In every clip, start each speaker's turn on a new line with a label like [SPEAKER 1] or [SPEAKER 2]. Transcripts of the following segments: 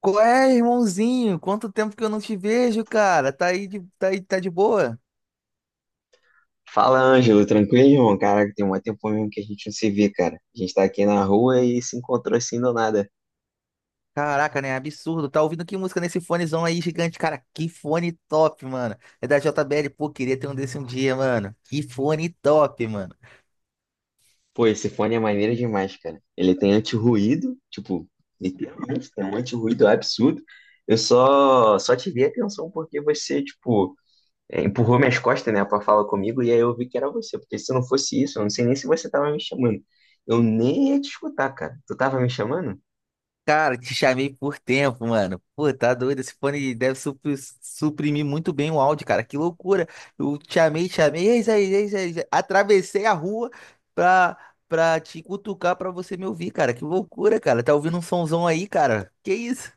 [SPEAKER 1] Qual é, irmãozinho? Quanto tempo que eu não te vejo, cara? Tá aí, tá de boa?
[SPEAKER 2] Fala, Ângelo, tranquilo, cara. Caraca, tem um tempo mesmo que a gente não se vê, cara. A gente tá aqui na rua e se encontrou assim do nada.
[SPEAKER 1] Caraca, né? Absurdo. Tá ouvindo que música nesse fonezão aí gigante, cara? Que fone top, mano. É da J JBL, pô, queria ter um desse um dia, mano. Que fone top, mano.
[SPEAKER 2] Pô, esse fone é maneiro demais, cara. Ele tem anti-ruído, tipo, literalmente, tem um anti-ruído absurdo. Eu só te dei atenção porque você, tipo, empurrou minhas costas, né, pra falar comigo e aí eu vi que era você. Porque se não fosse isso, eu não sei nem se você tava me chamando. Eu nem ia te escutar, cara. Tu tava me chamando?
[SPEAKER 1] Cara, te chamei por tempo, mano. Pô, tá doido? Esse fone deve suprimir muito bem o áudio, cara. Que loucura. Eu te chamei, te chamei. É isso aí, é isso aí. É isso aí. Atravessei a rua pra, pra te cutucar pra você me ouvir, cara. Que loucura, cara. Tá ouvindo um somzão aí, cara? Que isso?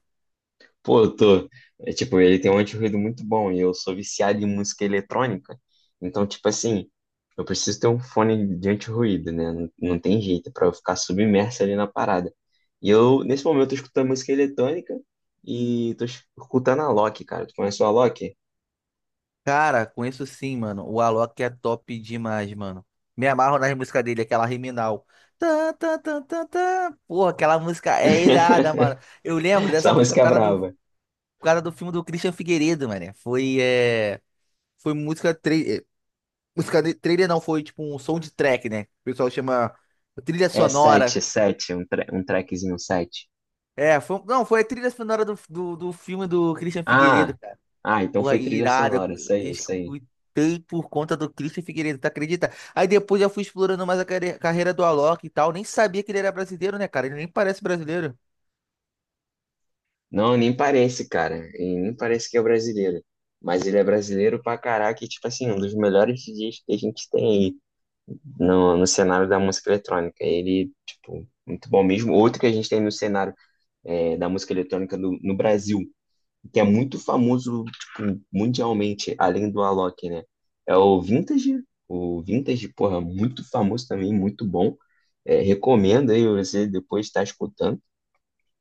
[SPEAKER 2] Pô, eu tô. É, tipo, ele tem um anti-ruído muito bom e eu sou viciado em música eletrônica. Então, tipo assim, eu preciso ter um fone de anti-ruído, né? Não, não tem jeito é pra eu ficar submerso ali na parada. E eu, nesse momento, eu tô escutando música eletrônica e tô escutando a Loki, cara. Tu conhece o Alok?
[SPEAKER 1] Cara, conheço sim, mano. O Alok é top demais, mano. Me amarro nas músicas dele, aquela Riminal. Tá, tá, tá, tá, tá. Porra, aquela música é irada, mano. Eu lembro
[SPEAKER 2] Essa
[SPEAKER 1] dessa música
[SPEAKER 2] música
[SPEAKER 1] por
[SPEAKER 2] é
[SPEAKER 1] causa do
[SPEAKER 2] brava.
[SPEAKER 1] causa do filme do Christian Figueiredo, mano. Foi, foi música, música trailer, não, foi tipo um soundtrack, né? O pessoal chama trilha
[SPEAKER 2] É 7
[SPEAKER 1] sonora.
[SPEAKER 2] 7 um, tra um trackzinho um sete.
[SPEAKER 1] É, não, foi a trilha sonora do filme do Christian
[SPEAKER 2] Ah,
[SPEAKER 1] Figueiredo, cara.
[SPEAKER 2] ah, então
[SPEAKER 1] Porra,
[SPEAKER 2] foi trilha
[SPEAKER 1] irada.
[SPEAKER 2] sonora, isso
[SPEAKER 1] Eu
[SPEAKER 2] aí, isso aí.
[SPEAKER 1] escutei por conta do Christian Figueiredo, tu acredita? Aí depois eu fui explorando mais a carreira do Alok e tal. Nem sabia que ele era brasileiro, né, cara? Ele nem parece brasileiro.
[SPEAKER 2] Não, nem parece, cara. E nem parece que é brasileiro. Mas ele é brasileiro pra caraca e, tipo assim, um dos melhores DJs que a gente tem aí no cenário da música eletrônica. Ele, tipo, muito bom mesmo. Outro que a gente tem no cenário da música eletrônica no Brasil, que é muito famoso, tipo, mundialmente, além do Alok, né? É o Vintage. O Vintage, porra, muito famoso também, muito bom. É, recomendo aí você depois estar escutando.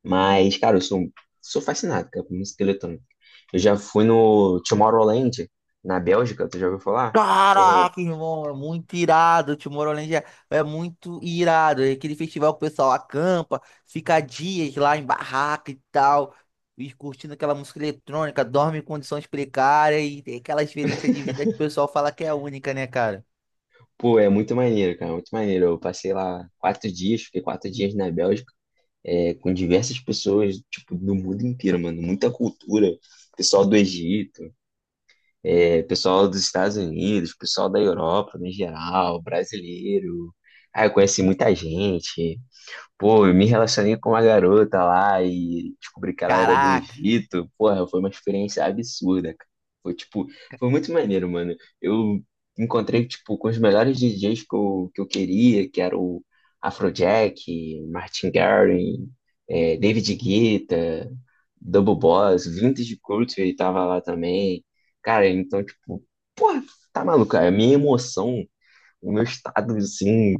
[SPEAKER 2] Mas, cara, eu sou fascinado, cara, por música eletrônica. Eu já fui no Tomorrowland, na Bélgica, tu já ouviu falar? Ou não?
[SPEAKER 1] Caraca, irmão, é muito irado. O Tomorrowland é muito irado. É aquele festival que o pessoal acampa, fica dias lá em barraca e tal, e curtindo aquela música eletrônica, dorme em condições precárias e tem aquela experiência de vida que o pessoal fala que é única, né, cara?
[SPEAKER 2] Pô, é muito maneiro, cara, muito maneiro. Eu passei lá quatro dias, fiquei quatro dias na Bélgica, com diversas pessoas, tipo, do mundo inteiro, mano. Muita cultura. Pessoal do Egito, pessoal dos Estados Unidos, pessoal da Europa, no geral, brasileiro. Ah, eu conheci muita gente. Pô, eu me relacionei com uma garota lá e descobri que ela era do
[SPEAKER 1] Caraca,
[SPEAKER 2] Egito. Porra, foi uma experiência absurda, cara. Foi tipo, foi muito maneiro, mano. Eu encontrei, tipo, com os melhores DJs que eu queria, que era o Afrojack, Martin Garrix, David Guetta, Double Boss. Vintage Culture tava lá também. Cara, então, tipo, porra, tá maluco, cara. A minha emoção, o meu estado, assim,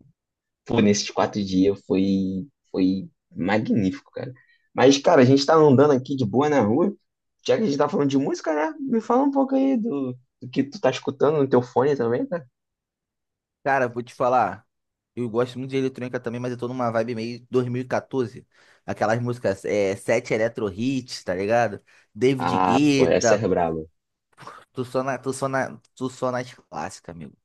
[SPEAKER 2] pô, nesses quatro dias foi magnífico, cara. Mas, cara, a gente tá andando aqui de boa na rua. Já que a gente tá falando de música, né? Me fala um pouco aí do que tu tá escutando no teu fone também, cara.
[SPEAKER 1] cara, vou te falar. Eu gosto muito de eletrônica também, mas eu tô numa vibe meio 2014. Aquelas músicas, Sete Electro Hits, tá ligado? David
[SPEAKER 2] Ah, pô, essa
[SPEAKER 1] Guetta.
[SPEAKER 2] é braba.
[SPEAKER 1] Tu só na, tu só na, tu só nas clássicas, amigo.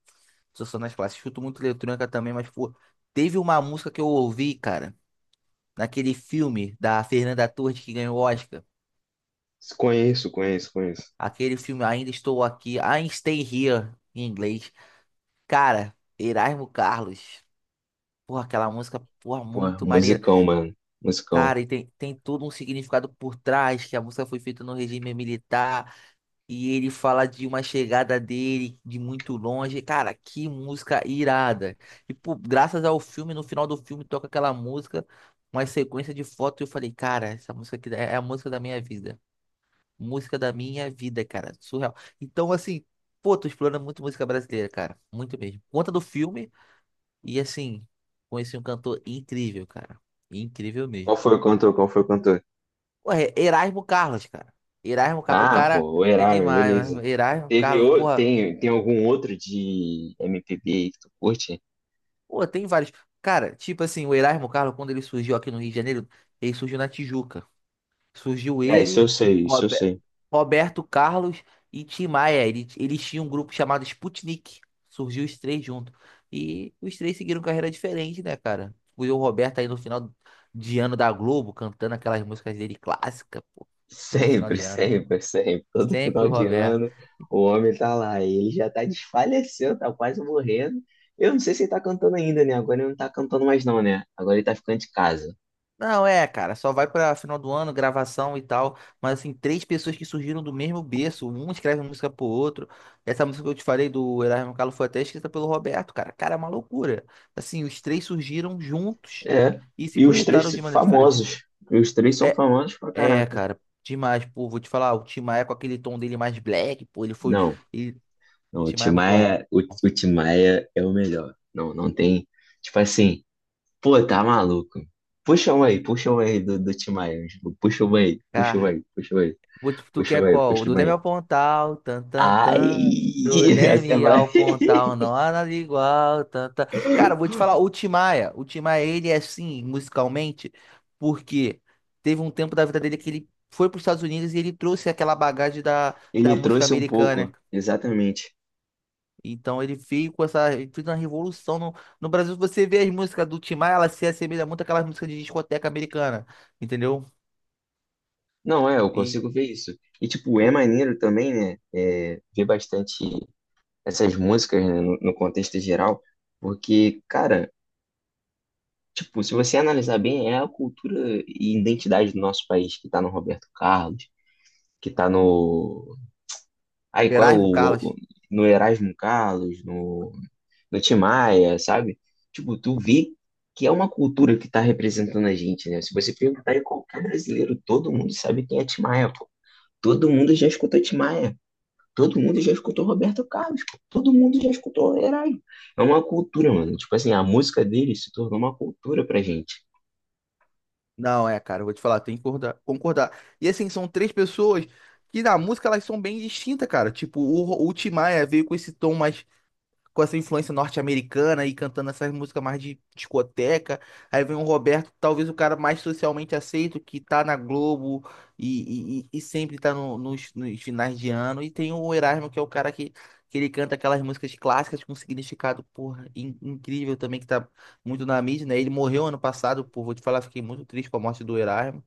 [SPEAKER 1] Tu só nas clássicas. Escuto muito eletrônica também, mas, pô, teve uma música que eu ouvi, cara, naquele filme da Fernanda Torres que ganhou o Oscar.
[SPEAKER 2] Conheço, conheço, conheço.
[SPEAKER 1] Aquele filme Ainda Estou Aqui, I Stay Here, em inglês. Cara, Erasmo Carlos. Porra, aquela música, porra,
[SPEAKER 2] Pô,
[SPEAKER 1] muito maneira.
[SPEAKER 2] musicão, mano. Musicão.
[SPEAKER 1] Cara, e tem todo um significado por trás, que a música foi feita no regime militar. E ele fala de uma chegada dele de muito longe. Cara, que música irada. E pô, graças ao filme, no final do filme toca aquela música, uma sequência de fotos. E eu falei, cara, essa música aqui é a música da minha vida. Música da minha vida, cara. Surreal. Então, assim, pô, tô explorando muito música brasileira, cara. Muito mesmo. Conta do filme e, assim, conheci um cantor incrível, cara. Incrível
[SPEAKER 2] Qual
[SPEAKER 1] mesmo.
[SPEAKER 2] foi o cantor? Qual foi o cantor?
[SPEAKER 1] Ué, Erasmo Carlos, cara. Erasmo Carlos, o
[SPEAKER 2] Ah,
[SPEAKER 1] cara
[SPEAKER 2] pô, o
[SPEAKER 1] é
[SPEAKER 2] Erasmo,
[SPEAKER 1] demais,
[SPEAKER 2] beleza.
[SPEAKER 1] mano. Erasmo Carlos, porra.
[SPEAKER 2] Tem algum outro de MPB aí que tu curte?
[SPEAKER 1] Pô, tem vários. Cara, tipo assim, o Erasmo Carlos, quando ele surgiu aqui no Rio de Janeiro, ele surgiu na Tijuca. Surgiu
[SPEAKER 2] É, isso
[SPEAKER 1] ele,
[SPEAKER 2] eu sei, isso eu
[SPEAKER 1] Robe-
[SPEAKER 2] sei.
[SPEAKER 1] Roberto Carlos e Tim Maia. Eles tinham um grupo chamado Sputnik. Surgiu os três juntos. E os três seguiram carreira diferente, né, cara? O Will Roberto aí no final de ano da Globo, cantando aquelas músicas dele clássicas, pô. Todo final
[SPEAKER 2] Sempre,
[SPEAKER 1] de ano.
[SPEAKER 2] sempre, sempre. Todo
[SPEAKER 1] Sempre
[SPEAKER 2] final
[SPEAKER 1] o
[SPEAKER 2] de
[SPEAKER 1] Roberto.
[SPEAKER 2] ano o homem tá lá. Ele já tá desfaleceu, tá quase morrendo. Eu não sei se ele tá cantando ainda, né? Agora ele não tá cantando mais, não, né? Agora ele tá ficando de casa.
[SPEAKER 1] Não, é, cara, só vai pra final do ano, gravação e tal. Mas, assim, três pessoas que surgiram do mesmo berço, um escreve uma música pro outro. Essa música que eu te falei do Erasmo Carlos foi até escrita pelo Roberto, cara. Cara, é uma loucura. Assim, os três surgiram juntos
[SPEAKER 2] É.
[SPEAKER 1] e se
[SPEAKER 2] E os três
[SPEAKER 1] projetaram de maneira diferente.
[SPEAKER 2] famosos. E os três são
[SPEAKER 1] É,
[SPEAKER 2] famosos pra caraca.
[SPEAKER 1] cara, demais, pô, vou te falar, o Tim Maia com aquele tom dele mais black, pô, ele foi.
[SPEAKER 2] Não,
[SPEAKER 1] Ele,
[SPEAKER 2] não, o
[SPEAKER 1] Tim Maia é muito bom.
[SPEAKER 2] Timaya o, o Tim Maia é o melhor. Não, não tem. Tipo assim, pô, tá maluco. Puxa um aí do Timaya. Puxa um aí, puxa um
[SPEAKER 1] Cara,
[SPEAKER 2] aí, puxa um aí,
[SPEAKER 1] O Tu tu
[SPEAKER 2] puxa
[SPEAKER 1] quer
[SPEAKER 2] um aí,
[SPEAKER 1] qual? O
[SPEAKER 2] puxa
[SPEAKER 1] Do
[SPEAKER 2] um
[SPEAKER 1] Leme
[SPEAKER 2] aí.
[SPEAKER 1] ao Pontal, tan, tan, tan. Do
[SPEAKER 2] Ai, a
[SPEAKER 1] Leme
[SPEAKER 2] Samara,
[SPEAKER 1] ao Pontal, não há nada igual, tan, tan. Cara, vou te falar, o Tim Maia, ele é assim, musicalmente, porque teve um tempo da vida dele que ele foi para os Estados Unidos e ele trouxe aquela bagagem da
[SPEAKER 2] ele
[SPEAKER 1] música
[SPEAKER 2] trouxe um
[SPEAKER 1] americana.
[SPEAKER 2] pouco, exatamente.
[SPEAKER 1] Então ele veio ele fez uma revolução no Brasil. Você vê as músicas do Tim Maia, elas se assemelham muito àquelas músicas de discoteca americana, entendeu?
[SPEAKER 2] Não, é, eu
[SPEAKER 1] E
[SPEAKER 2] consigo ver isso. E, tipo, é
[SPEAKER 1] do
[SPEAKER 2] maneiro também, né, ver bastante essas músicas, né, no contexto geral, porque, cara, tipo, se você analisar bem, é a cultura e identidade do nosso país que tá no Roberto Carlos, que tá no... Ai, qual é o...
[SPEAKER 1] Erasmo
[SPEAKER 2] o-
[SPEAKER 1] Carlos.
[SPEAKER 2] no Erasmo Carlos, no... do Tim Maia, sabe? Tipo, tu vê que é uma cultura que tá representando a gente, né? Se você perguntar em qualquer brasileiro, todo mundo sabe quem é Tim Maia, pô. Todo mundo já escutou Tim Maia. Todo mundo já escutou Roberto Carlos, pô. Todo mundo já escutou Herói. É uma cultura, mano. Tipo assim, a música dele se tornou uma cultura pra gente.
[SPEAKER 1] Não, é, cara, eu vou te falar, tem que concordar, concordar. E assim, são três pessoas que na música elas são bem distintas, cara. Tipo, o Tim Maia veio com esse tom mais com essa influência norte-americana e cantando essas músicas mais de discoteca. Aí vem o Roberto, talvez o cara mais socialmente aceito, que tá na Globo e, sempre tá nos finais de ano. E tem o Erasmo, que é o cara que ele canta aquelas músicas clássicas com significado, porra, incrível também, que tá muito na mídia, né? Ele morreu ano passado, pô, vou te falar, fiquei muito triste com a morte do Erasmo.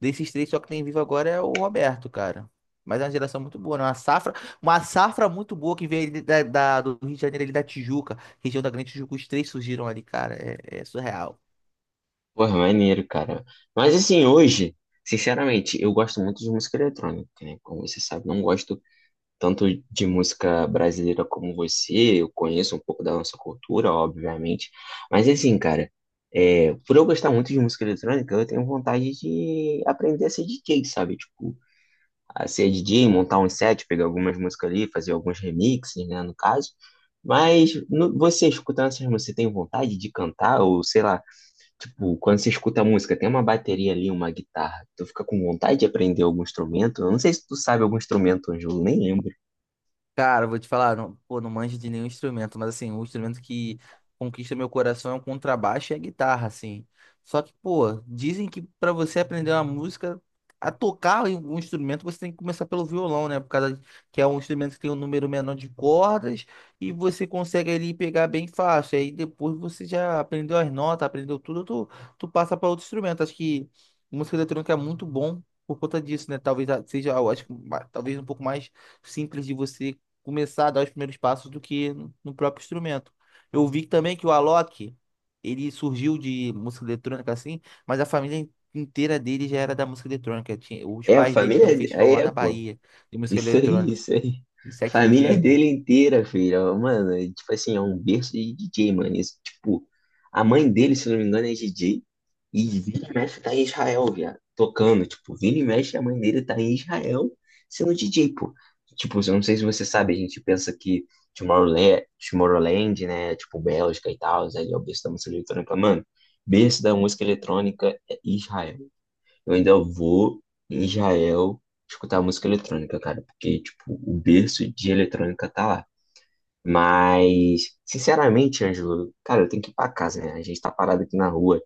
[SPEAKER 1] Desses três, só que tem vivo agora é o Roberto, cara. Mas é uma geração muito boa, né? Uma safra muito boa que veio ali do Rio de Janeiro, ali da Tijuca, região da Grande Tijuca. Os três surgiram ali, cara. É surreal.
[SPEAKER 2] Porra, maneiro, cara. Mas assim, hoje, sinceramente, eu gosto muito de música eletrônica, né? Como você sabe, não gosto tanto de música brasileira como você, eu conheço um pouco da nossa cultura, obviamente. Mas assim, cara, por eu gostar muito de música eletrônica, eu tenho vontade de aprender a ser DJ, sabe? Tipo, a ser DJ, montar um set, pegar algumas músicas ali, fazer alguns remixes, né, no caso. Mas você escutando essas músicas, você tem vontade de cantar? Ou sei lá, tipo, quando você escuta a música, tem uma bateria ali, uma guitarra, tu fica com vontade de aprender algum instrumento? Eu não sei se tu sabe algum instrumento, Ângelo, nem lembro.
[SPEAKER 1] Cara, eu vou te falar, não, pô, não manjo de nenhum instrumento, mas assim, o instrumento que conquista meu coração é o contrabaixo e a guitarra, assim. Só que, pô, dizem que pra você aprender uma música, a tocar em um instrumento, você tem que começar pelo violão, né? Por causa que é um instrumento que tem um número menor de cordas e você consegue ali pegar bem fácil. Aí depois você já aprendeu as notas, aprendeu tudo, tu passa pra outro instrumento. Acho que música eletrônica é muito bom por conta disso, né? Talvez seja, eu acho que talvez um pouco mais simples de você começar a dar os primeiros passos do que no próprio instrumento. Eu vi também que o Alok, ele surgiu de música eletrônica assim, mas a família inteira dele já era da música eletrônica. Os
[SPEAKER 2] É, a
[SPEAKER 1] pais dele
[SPEAKER 2] família.
[SPEAKER 1] têm um festival
[SPEAKER 2] Aí
[SPEAKER 1] lá
[SPEAKER 2] é,
[SPEAKER 1] na
[SPEAKER 2] pô.
[SPEAKER 1] Bahia de música
[SPEAKER 2] Isso aí,
[SPEAKER 1] eletrônica,
[SPEAKER 2] isso aí.
[SPEAKER 1] de sete
[SPEAKER 2] Família
[SPEAKER 1] dias, né?
[SPEAKER 2] dele inteira, filho. Mano, é, tipo assim, é um berço de DJ, mano. Isso, tipo, a mãe dele, se não me engano, é DJ. E vira e mexe tá em Israel, viado. Tocando, tipo, vira e mexe, a mãe dele tá em Israel sendo DJ, pô. Tipo, eu não sei se você sabe, a gente pensa que Tomorrowland, Tomorrowland, né? Tipo, Bélgica e tal, ali é o berço da música eletrônica. Mano, berço da música eletrônica é Israel. Eu ainda vou em Israel escutar música eletrônica, cara, porque, tipo, o berço de eletrônica tá lá. Mas, sinceramente, Ângelo, cara, eu tenho que ir pra casa, né? A gente tá parado aqui na rua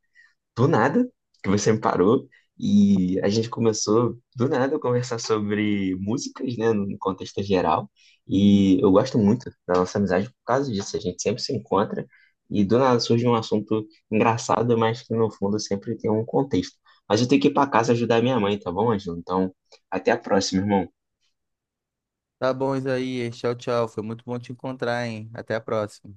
[SPEAKER 2] do nada, que você me parou, e a gente começou do nada a conversar sobre músicas, né, no contexto geral, e eu gosto muito da nossa amizade por causa disso, a gente sempre se encontra, e do nada surge um assunto engraçado, mas que no fundo sempre tem um contexto. Mas eu tenho que ir para casa ajudar minha mãe, tá bom, Ângelo? Então, até a próxima, irmão.
[SPEAKER 1] Tá bom, Isaías. Tchau, tchau. Foi muito bom te encontrar, hein? Até a próxima.